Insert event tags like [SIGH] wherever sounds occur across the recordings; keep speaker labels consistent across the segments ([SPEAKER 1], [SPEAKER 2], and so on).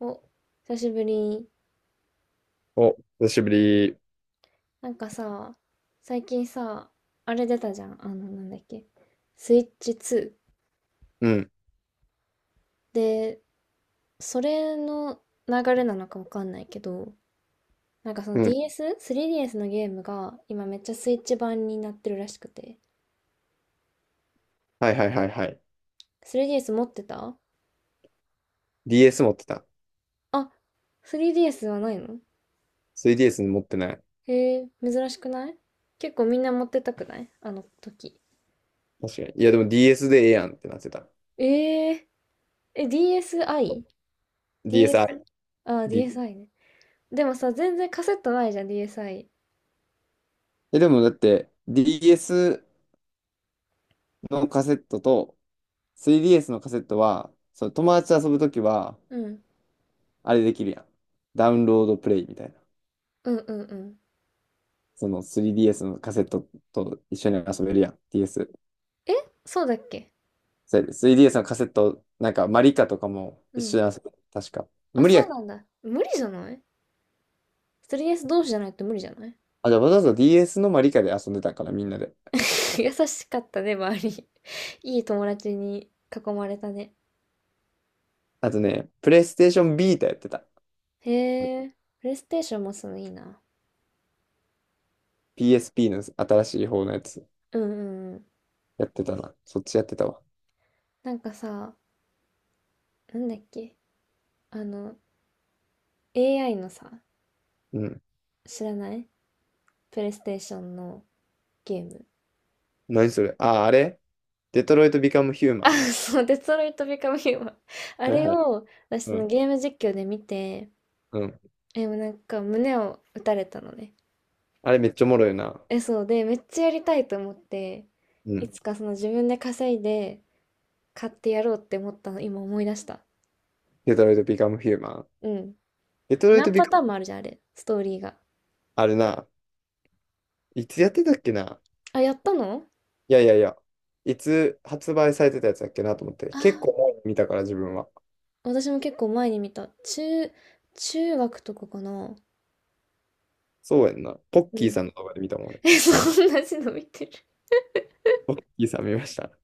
[SPEAKER 1] お、久しぶり。
[SPEAKER 2] お、久しぶり。
[SPEAKER 1] なんかさ、最近さ、あれ出たじゃん。あの、なんだっけ。スイッチ2。
[SPEAKER 2] うん、
[SPEAKER 1] で、それの流れなのかわかんないけど、なんかその
[SPEAKER 2] うん。
[SPEAKER 1] DS?3DS のゲームが今めっちゃスイッチ版になってるらしくて。
[SPEAKER 2] はいはいはいはい。
[SPEAKER 1] 3DS 持ってた？
[SPEAKER 2] DS 持ってた。
[SPEAKER 1] あ、3DS はないの？
[SPEAKER 2] 3DS 持ってない。
[SPEAKER 1] へえ、珍しくない？結構みんな持ってたくない？あの時。
[SPEAKER 2] 確かに。いやでも DS でええやんってなってた。
[SPEAKER 1] えー、え、DSi?DS?
[SPEAKER 2] DSi。
[SPEAKER 1] あ、ディ
[SPEAKER 2] D
[SPEAKER 1] ー、DSi ね。でもさ、全然カセットないじゃん、DSi。
[SPEAKER 2] でもだって DS のカセットと 3DS のカセットは、その友達と遊ぶときは、
[SPEAKER 1] うん。
[SPEAKER 2] あれできるやん。ダウンロードプレイみたいな。
[SPEAKER 1] うんうんうん。
[SPEAKER 2] その 3DS のカセットと一緒に遊べるやん。DS。
[SPEAKER 1] え、そうだっけ？
[SPEAKER 2] そうやで 3DS のカセット、なんかマリカとかも
[SPEAKER 1] う
[SPEAKER 2] 一緒
[SPEAKER 1] ん。
[SPEAKER 2] に遊べる。確か。
[SPEAKER 1] あ、
[SPEAKER 2] 無理や
[SPEAKER 1] そう
[SPEAKER 2] っ
[SPEAKER 1] なんだ。無理じゃない？ 3DS 同士じゃないと無理じゃない？
[SPEAKER 2] あ、じゃあわざわざ DS のマリカで遊んでたんかな、みんなで。
[SPEAKER 1] [LAUGHS] 優しかったね、周り。[LAUGHS] いい友達に囲まれたね。
[SPEAKER 2] あとね、プレイステーションビータやってた。
[SPEAKER 1] へえ、プレイステーションもすのいいな。
[SPEAKER 2] PSP の新しい方のやつ。
[SPEAKER 1] うんうんうん。
[SPEAKER 2] やってたな。そっちやってたわ。
[SPEAKER 1] なんかさ、なんだっけ、あの、AI のさ、
[SPEAKER 2] うん。
[SPEAKER 1] 知らない？プレイステーションのゲーム。
[SPEAKER 2] 何それ？デトロイト・ビカム・ヒューマ
[SPEAKER 1] あ、
[SPEAKER 2] ン。
[SPEAKER 1] そう、デトロイト・ビカム・ヒューマン。あ
[SPEAKER 2] はい
[SPEAKER 1] れ
[SPEAKER 2] はい。
[SPEAKER 1] を、私
[SPEAKER 2] う
[SPEAKER 1] その
[SPEAKER 2] ん。
[SPEAKER 1] ゲーム実況で見て、
[SPEAKER 2] うん。
[SPEAKER 1] え、もうなんか胸を打たれたのね。
[SPEAKER 2] あれめっちゃおもろいな。
[SPEAKER 1] え、そうで、めっちゃやりたいと思って、
[SPEAKER 2] う
[SPEAKER 1] い
[SPEAKER 2] ん。
[SPEAKER 1] つかその自分で稼いで買ってやろうって思ったの、今思い出した。
[SPEAKER 2] デトロイト・ビカム・ヒューマン。
[SPEAKER 1] うん。
[SPEAKER 2] デトロイト・
[SPEAKER 1] 何
[SPEAKER 2] ビ
[SPEAKER 1] パ
[SPEAKER 2] カ
[SPEAKER 1] ターン
[SPEAKER 2] ム、
[SPEAKER 1] もあるじゃん、あれ、ストーリーが。
[SPEAKER 2] あれな。いつやってたっけな。
[SPEAKER 1] あ、やったの？
[SPEAKER 2] いやいやいや。いつ発売されてたやつだっけなと思って。
[SPEAKER 1] あ
[SPEAKER 2] 結
[SPEAKER 1] ー、
[SPEAKER 2] 構前に見たから自分は。
[SPEAKER 1] 私も結構前に見た。中学とかかな。
[SPEAKER 2] そうやんな。ポッ
[SPEAKER 1] う
[SPEAKER 2] キー
[SPEAKER 1] ん。
[SPEAKER 2] さんの動画で見たもん俺。
[SPEAKER 1] え、そう、同じの見てる。
[SPEAKER 2] ポッキーさん見ました。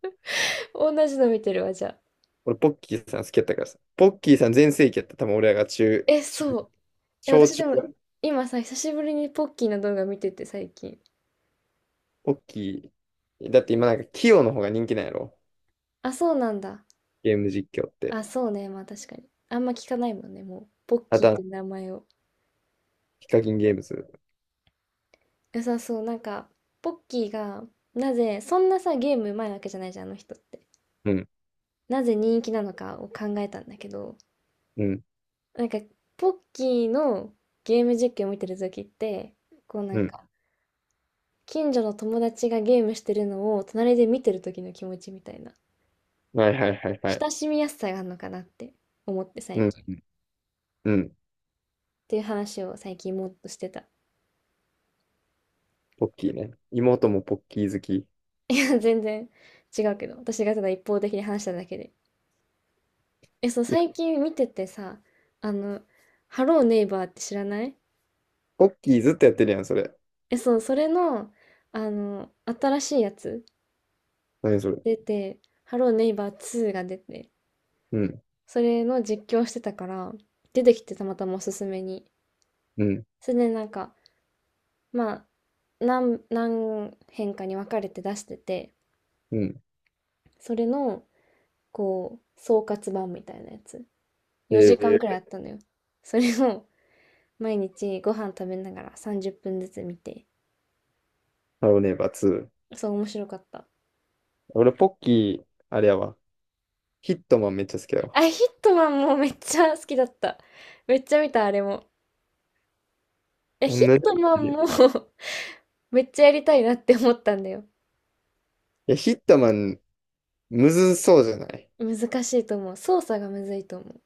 [SPEAKER 1] 同じの見てるわ、じゃあ。
[SPEAKER 2] 俺、ポッキーさん好きやったからさ。ポッキーさん全盛期やった。多分俺らが
[SPEAKER 1] え、そう。え、
[SPEAKER 2] 小
[SPEAKER 1] 私で
[SPEAKER 2] 中ぐ
[SPEAKER 1] も、
[SPEAKER 2] らい、
[SPEAKER 1] 今さ、久しぶりにポッキーの動画見てて、最近。
[SPEAKER 2] ポッキー。だって今なんか、キヨの方が人気なんやろ。
[SPEAKER 1] あ、そうなんだ。
[SPEAKER 2] ゲーム実況って。
[SPEAKER 1] あ、そうね、まあ確かに。あんま聞かないもんね、もう。ポッ
[SPEAKER 2] あ
[SPEAKER 1] キー
[SPEAKER 2] と
[SPEAKER 1] って
[SPEAKER 2] は、
[SPEAKER 1] 名前を。
[SPEAKER 2] ヒカキンゲームズ。
[SPEAKER 1] 良さそう。なんか、ポッキーが、なぜ、そんなさ、ゲームうまいわけじゃないじゃん、あの人って。
[SPEAKER 2] うん、
[SPEAKER 1] なぜ人気なのかを考えたんだけど、
[SPEAKER 2] うん、
[SPEAKER 1] なんか、ポッキーのゲーム実況を見てる時って、こうな
[SPEAKER 2] う
[SPEAKER 1] ん
[SPEAKER 2] ん。
[SPEAKER 1] か、近所の友達がゲームしてるのを隣で見てる時の気持ちみたいな、
[SPEAKER 2] はいはいはいはい。
[SPEAKER 1] 親しみやすさがあるのかなって思って最
[SPEAKER 2] うん、
[SPEAKER 1] 近っ
[SPEAKER 2] うん、うん。
[SPEAKER 1] ていう話を最近もっとしてた。
[SPEAKER 2] ポッキーね。妹もポッキー好き。い
[SPEAKER 1] いや、全然違うけど、私がただ一方的に話しただけで。え、そう、
[SPEAKER 2] や、
[SPEAKER 1] 最近見ててさ、あの、ハローネイバーって知らない？
[SPEAKER 2] ポッキーずっとやってるやん、それ。
[SPEAKER 1] え、そう、それの、あの、新しいやつ
[SPEAKER 2] 何それ。
[SPEAKER 1] 出て、ハローネイバー2が出て、
[SPEAKER 2] うん、
[SPEAKER 1] それの実況してたから、出てきてたまたまおすすめに。
[SPEAKER 2] うん、
[SPEAKER 1] それでなんか、まあ、何編かに分かれて出してて、
[SPEAKER 2] うん。
[SPEAKER 1] それの、こう、総括版みたいなやつ。4時間
[SPEAKER 2] え
[SPEAKER 1] くらいあ
[SPEAKER 2] ー、
[SPEAKER 1] ったのよ。それを毎日ご飯食べながら30分ずつ見て、
[SPEAKER 2] ハローネイバー2。
[SPEAKER 1] そう、面白かった。
[SPEAKER 2] 俺、ポッキー、あれやわ。ヒットマンめっちゃ好きやわ。
[SPEAKER 1] あ、ヒットマンもめっちゃ好きだった。めっちゃ見た、あれも。いや、
[SPEAKER 2] 同
[SPEAKER 1] ヒッ
[SPEAKER 2] じこ
[SPEAKER 1] ト
[SPEAKER 2] と
[SPEAKER 1] マ
[SPEAKER 2] 言ってる
[SPEAKER 1] ン
[SPEAKER 2] やん。
[SPEAKER 1] も
[SPEAKER 2] い
[SPEAKER 1] [LAUGHS] めっちゃやりたいなって思ったんだよ。
[SPEAKER 2] や、ヒットマン、むずそうじゃない？
[SPEAKER 1] 難しいと思う。操作がむずいと思う。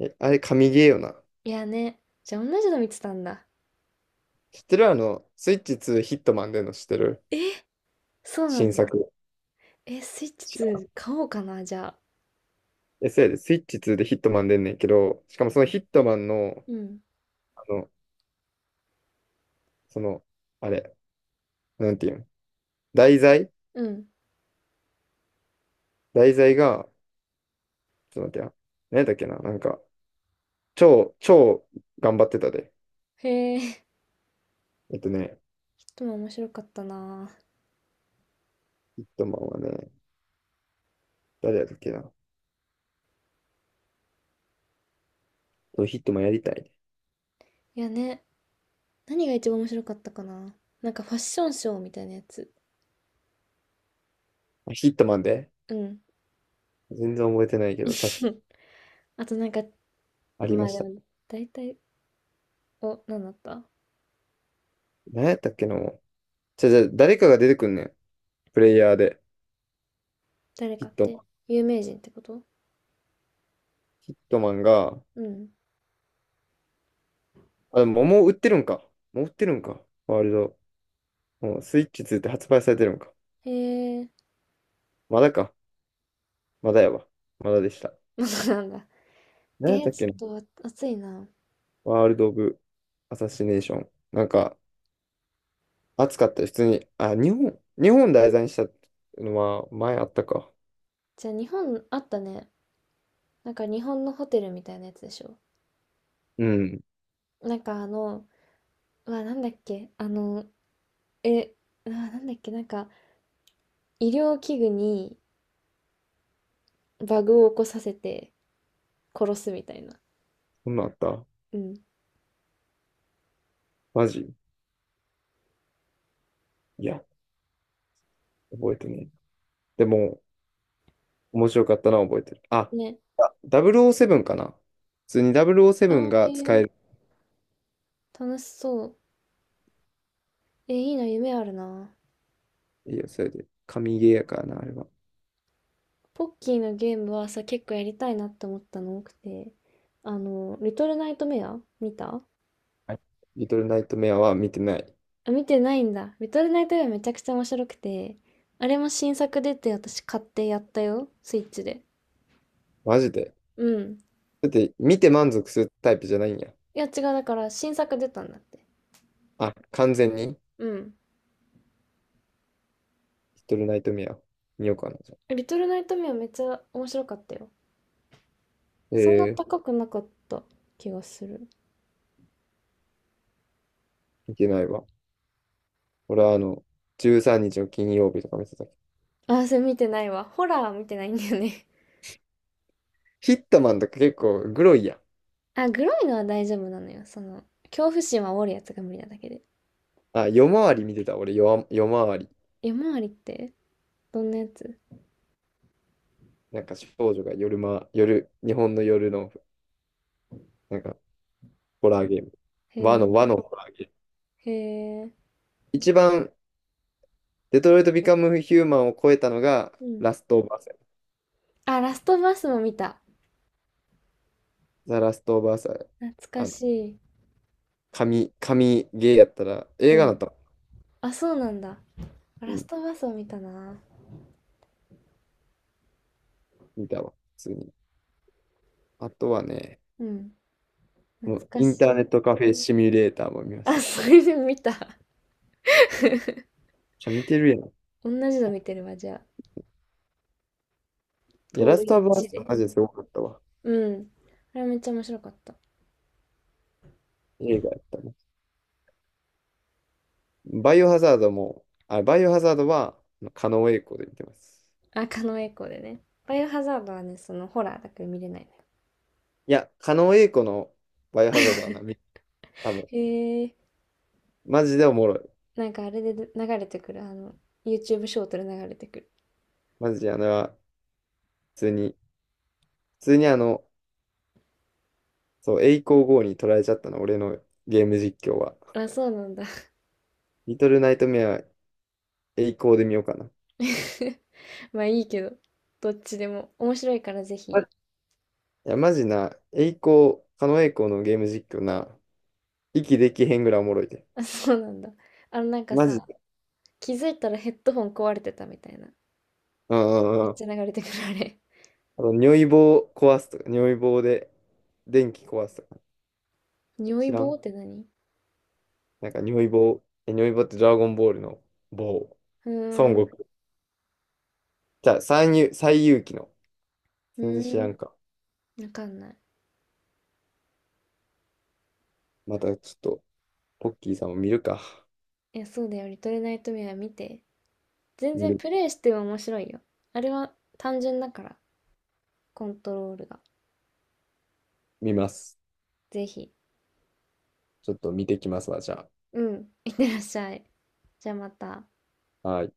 [SPEAKER 2] え、あれ、神ゲーよな。
[SPEAKER 1] いやね。じゃあ同じの見てたんだ。
[SPEAKER 2] 知ってる？あの、スイッチ2ヒットマン出んの知ってる？
[SPEAKER 1] え、そうな
[SPEAKER 2] 新
[SPEAKER 1] ん
[SPEAKER 2] 作。
[SPEAKER 1] だ。え、スイッチ
[SPEAKER 2] 知ら
[SPEAKER 1] 2
[SPEAKER 2] ん。
[SPEAKER 1] 買おうかな、じゃあ。
[SPEAKER 2] え、そうやで、スイッチ2でヒットマン出んねんけど、しかもそのヒットマンの、
[SPEAKER 1] うん。
[SPEAKER 2] あの、その、あれ、なんていうん、題材、
[SPEAKER 1] うん。
[SPEAKER 2] が、ちょっと待ってや。何だっけな、なんか、超頑張ってたで。
[SPEAKER 1] へえ、ヒッ
[SPEAKER 2] えっとね、
[SPEAKER 1] トマン面白かったな。
[SPEAKER 2] ヒットマンはね、誰やったっけな。そうヒットマンやりたいね。
[SPEAKER 1] いやね。何が一番面白かったかな。なんかファッションショーみたいなやつ。
[SPEAKER 2] あヒットマンで
[SPEAKER 1] うん。
[SPEAKER 2] 全然覚えてないけど、確か
[SPEAKER 1] [LAUGHS] あとなんか、
[SPEAKER 2] あり
[SPEAKER 1] ま
[SPEAKER 2] ま
[SPEAKER 1] あ
[SPEAKER 2] し
[SPEAKER 1] で
[SPEAKER 2] た。
[SPEAKER 1] も、大体、お、何だった？
[SPEAKER 2] 何やったっけの。じゃじゃ誰かが出てくんねん。プレイヤーで。
[SPEAKER 1] 誰
[SPEAKER 2] ヒ
[SPEAKER 1] か
[SPEAKER 2] ッ
[SPEAKER 1] っ
[SPEAKER 2] トマ
[SPEAKER 1] て？
[SPEAKER 2] ン。
[SPEAKER 1] 有名人ってこと？
[SPEAKER 2] ヒットマンが、
[SPEAKER 1] うん。
[SPEAKER 2] あ、でももう売ってるんか。もう売ってるんか。ワールド。もうスイッチ2って発売されてるんか。
[SPEAKER 1] へえ、
[SPEAKER 2] まだか。まだやわ。まだでした。
[SPEAKER 1] [LAUGHS] まだなんだ。
[SPEAKER 2] 何やったっ
[SPEAKER 1] ち
[SPEAKER 2] けな。
[SPEAKER 1] ょっと暑いな。
[SPEAKER 2] ワールド・オブ・アサシネーション。なんか、暑かったよ。普通に。あ、日本題材にしたのは前あったか。
[SPEAKER 1] じゃあ日本あったね。なんか日本のホテルみたいなやつでしょ。
[SPEAKER 2] うん。
[SPEAKER 1] なんかあの、うわ、なんだっけあの、え、うわ、なんだっけなんか医療器具にバグを起こさせて殺すみたいな。
[SPEAKER 2] そんなんあった？
[SPEAKER 1] うん。
[SPEAKER 2] マジ？いや、覚えてねえ。でも、面白かったな、覚えてる。あ、
[SPEAKER 1] ね。
[SPEAKER 2] 007かな。普通に
[SPEAKER 1] あ
[SPEAKER 2] 007
[SPEAKER 1] ー、
[SPEAKER 2] が使
[SPEAKER 1] へ
[SPEAKER 2] え
[SPEAKER 1] え、
[SPEAKER 2] る。
[SPEAKER 1] 楽しそう。え、いいな、夢あるな。
[SPEAKER 2] いいよ、それで。神ゲーやからな、あれは。
[SPEAKER 1] ポッキーのゲームはさ、結構やりたいなって思ったの多くて。あの、リトルナイトメア見た？
[SPEAKER 2] はい。リトルナイトメアは見てない。
[SPEAKER 1] あ、見てないんだ。リトルナイトメアめちゃくちゃ面白くて。あれも新作出て私買ってやったよ。スイッチで。
[SPEAKER 2] マジで。
[SPEAKER 1] うん。
[SPEAKER 2] だって、見て満足するタイプじゃないんや。
[SPEAKER 1] いや違う、だから新作出たんだって。
[SPEAKER 2] あ、完全に、
[SPEAKER 1] うん。
[SPEAKER 2] リトルナイトメア見ようかな、じゃ
[SPEAKER 1] リトルナイトメアめっちゃ面白かったよ。
[SPEAKER 2] あ。え
[SPEAKER 1] そんな
[SPEAKER 2] ー、
[SPEAKER 1] 高くなかった気がする。
[SPEAKER 2] 見てないわ。俺はあの、13日の金曜日とか見てたけど。
[SPEAKER 1] あ、それ見てないわ。ホラー見てないんだよね。
[SPEAKER 2] ヒットマンとか結構グロいやん。
[SPEAKER 1] あ、グロいのは大丈夫なのよ。その、恐怖心は煽るやつが無理なだけで。
[SPEAKER 2] あ、夜回り見てた、俺、夜回り。
[SPEAKER 1] 夜回りってどんなやつ？
[SPEAKER 2] なんか少女が夜、日本の夜の、なんか、ホラーゲーム。
[SPEAKER 1] へ
[SPEAKER 2] 和
[SPEAKER 1] え、
[SPEAKER 2] のホラーゲーム。
[SPEAKER 1] へえ、
[SPEAKER 2] 一番、デトロイト・ビカム・ヒューマンを超えたのが、
[SPEAKER 1] うん。
[SPEAKER 2] ラスト・オブ・アス。
[SPEAKER 1] あ、ラストバスも見た。
[SPEAKER 2] ザ・ラスト・オブ・アス、
[SPEAKER 1] 懐か
[SPEAKER 2] あの、
[SPEAKER 1] しい。
[SPEAKER 2] 神ゲーやったら、映
[SPEAKER 1] う
[SPEAKER 2] 画だっ
[SPEAKER 1] ん。
[SPEAKER 2] たら、
[SPEAKER 1] あ、そうなんだ。
[SPEAKER 2] う
[SPEAKER 1] ラス
[SPEAKER 2] ん、
[SPEAKER 1] トバスを見たな。
[SPEAKER 2] 見たわ、普通に。あとはね、
[SPEAKER 1] うん。
[SPEAKER 2] も
[SPEAKER 1] 懐
[SPEAKER 2] う
[SPEAKER 1] か
[SPEAKER 2] イン
[SPEAKER 1] し
[SPEAKER 2] ターネ
[SPEAKER 1] い。
[SPEAKER 2] ットカフェシミュレーターも見まし
[SPEAKER 1] あ、
[SPEAKER 2] た。じ
[SPEAKER 1] それで見た。
[SPEAKER 2] ゃ見てるやん。
[SPEAKER 1] 同じの見てるわ、じゃあ。
[SPEAKER 2] いや、ラ
[SPEAKER 1] 遠
[SPEAKER 2] スト・オ
[SPEAKER 1] い
[SPEAKER 2] ブ・ア
[SPEAKER 1] 地
[SPEAKER 2] ス
[SPEAKER 1] で。
[SPEAKER 2] はマジですごかったわ。
[SPEAKER 1] うん。あれめっちゃ面白かった。
[SPEAKER 2] 映画やったね。バイオハザードも、あ、バイオハザードは、狩野英孝で見てます。
[SPEAKER 1] あ、狩野英孝でね。バイオハザードはね、そのホラーだから見れない。
[SPEAKER 2] いや、狩野英孝のバイオハザードはな、多分、
[SPEAKER 1] へえ、
[SPEAKER 2] マジでおもろい。
[SPEAKER 1] なんかあれで流れてくる、あの、YouTube ショートで流れてくる。
[SPEAKER 2] マジであのは、普通に、普通にあの、そう、栄光号に取られちゃったの、俺のゲーム実況は。
[SPEAKER 1] あ、そうなんだ。
[SPEAKER 2] リトルナイトメア、栄光で見ようかな。
[SPEAKER 1] [LAUGHS] まあいいけど、どっちでも。面白いからぜひ。
[SPEAKER 2] いや、マジな、栄光、狩野英孝のゲーム実況な、息できへんぐらいおもろいで。
[SPEAKER 1] [LAUGHS] あ、そうなんだ。あのなんか
[SPEAKER 2] マジ
[SPEAKER 1] さ、
[SPEAKER 2] で。
[SPEAKER 1] 気づいたらヘッドホン壊れてたみたいな。
[SPEAKER 2] うんう
[SPEAKER 1] め
[SPEAKER 2] ん
[SPEAKER 1] っ
[SPEAKER 2] うん。
[SPEAKER 1] ちゃ流れてくるあれ。
[SPEAKER 2] あの、尿意棒壊すとか、尿意棒で電気壊すとか、
[SPEAKER 1] [LAUGHS] 尿意
[SPEAKER 2] 知ら
[SPEAKER 1] 棒
[SPEAKER 2] ん。
[SPEAKER 1] って何？
[SPEAKER 2] なんか尿意棒、え、尿意棒ってドラゴンボールの棒。
[SPEAKER 1] う
[SPEAKER 2] 孫
[SPEAKER 1] ーん、
[SPEAKER 2] 悟空。じゃあ、最遊記の。
[SPEAKER 1] う
[SPEAKER 2] 全然知
[SPEAKER 1] ー
[SPEAKER 2] ら
[SPEAKER 1] ん、
[SPEAKER 2] んか。
[SPEAKER 1] わかんない。
[SPEAKER 2] またちょっと、ポッキーさんを見るか。
[SPEAKER 1] いや、そうだよ。リトルナイトメア見て。全
[SPEAKER 2] 見
[SPEAKER 1] 然
[SPEAKER 2] る、
[SPEAKER 1] プレイしても面白いよ。あれは単純だから、コントロールが。
[SPEAKER 2] 見ます。
[SPEAKER 1] ぜひ。
[SPEAKER 2] ちょっと見てきますわ、じゃ
[SPEAKER 1] うん、いってらっしゃい。じゃあまた。
[SPEAKER 2] あ。はい。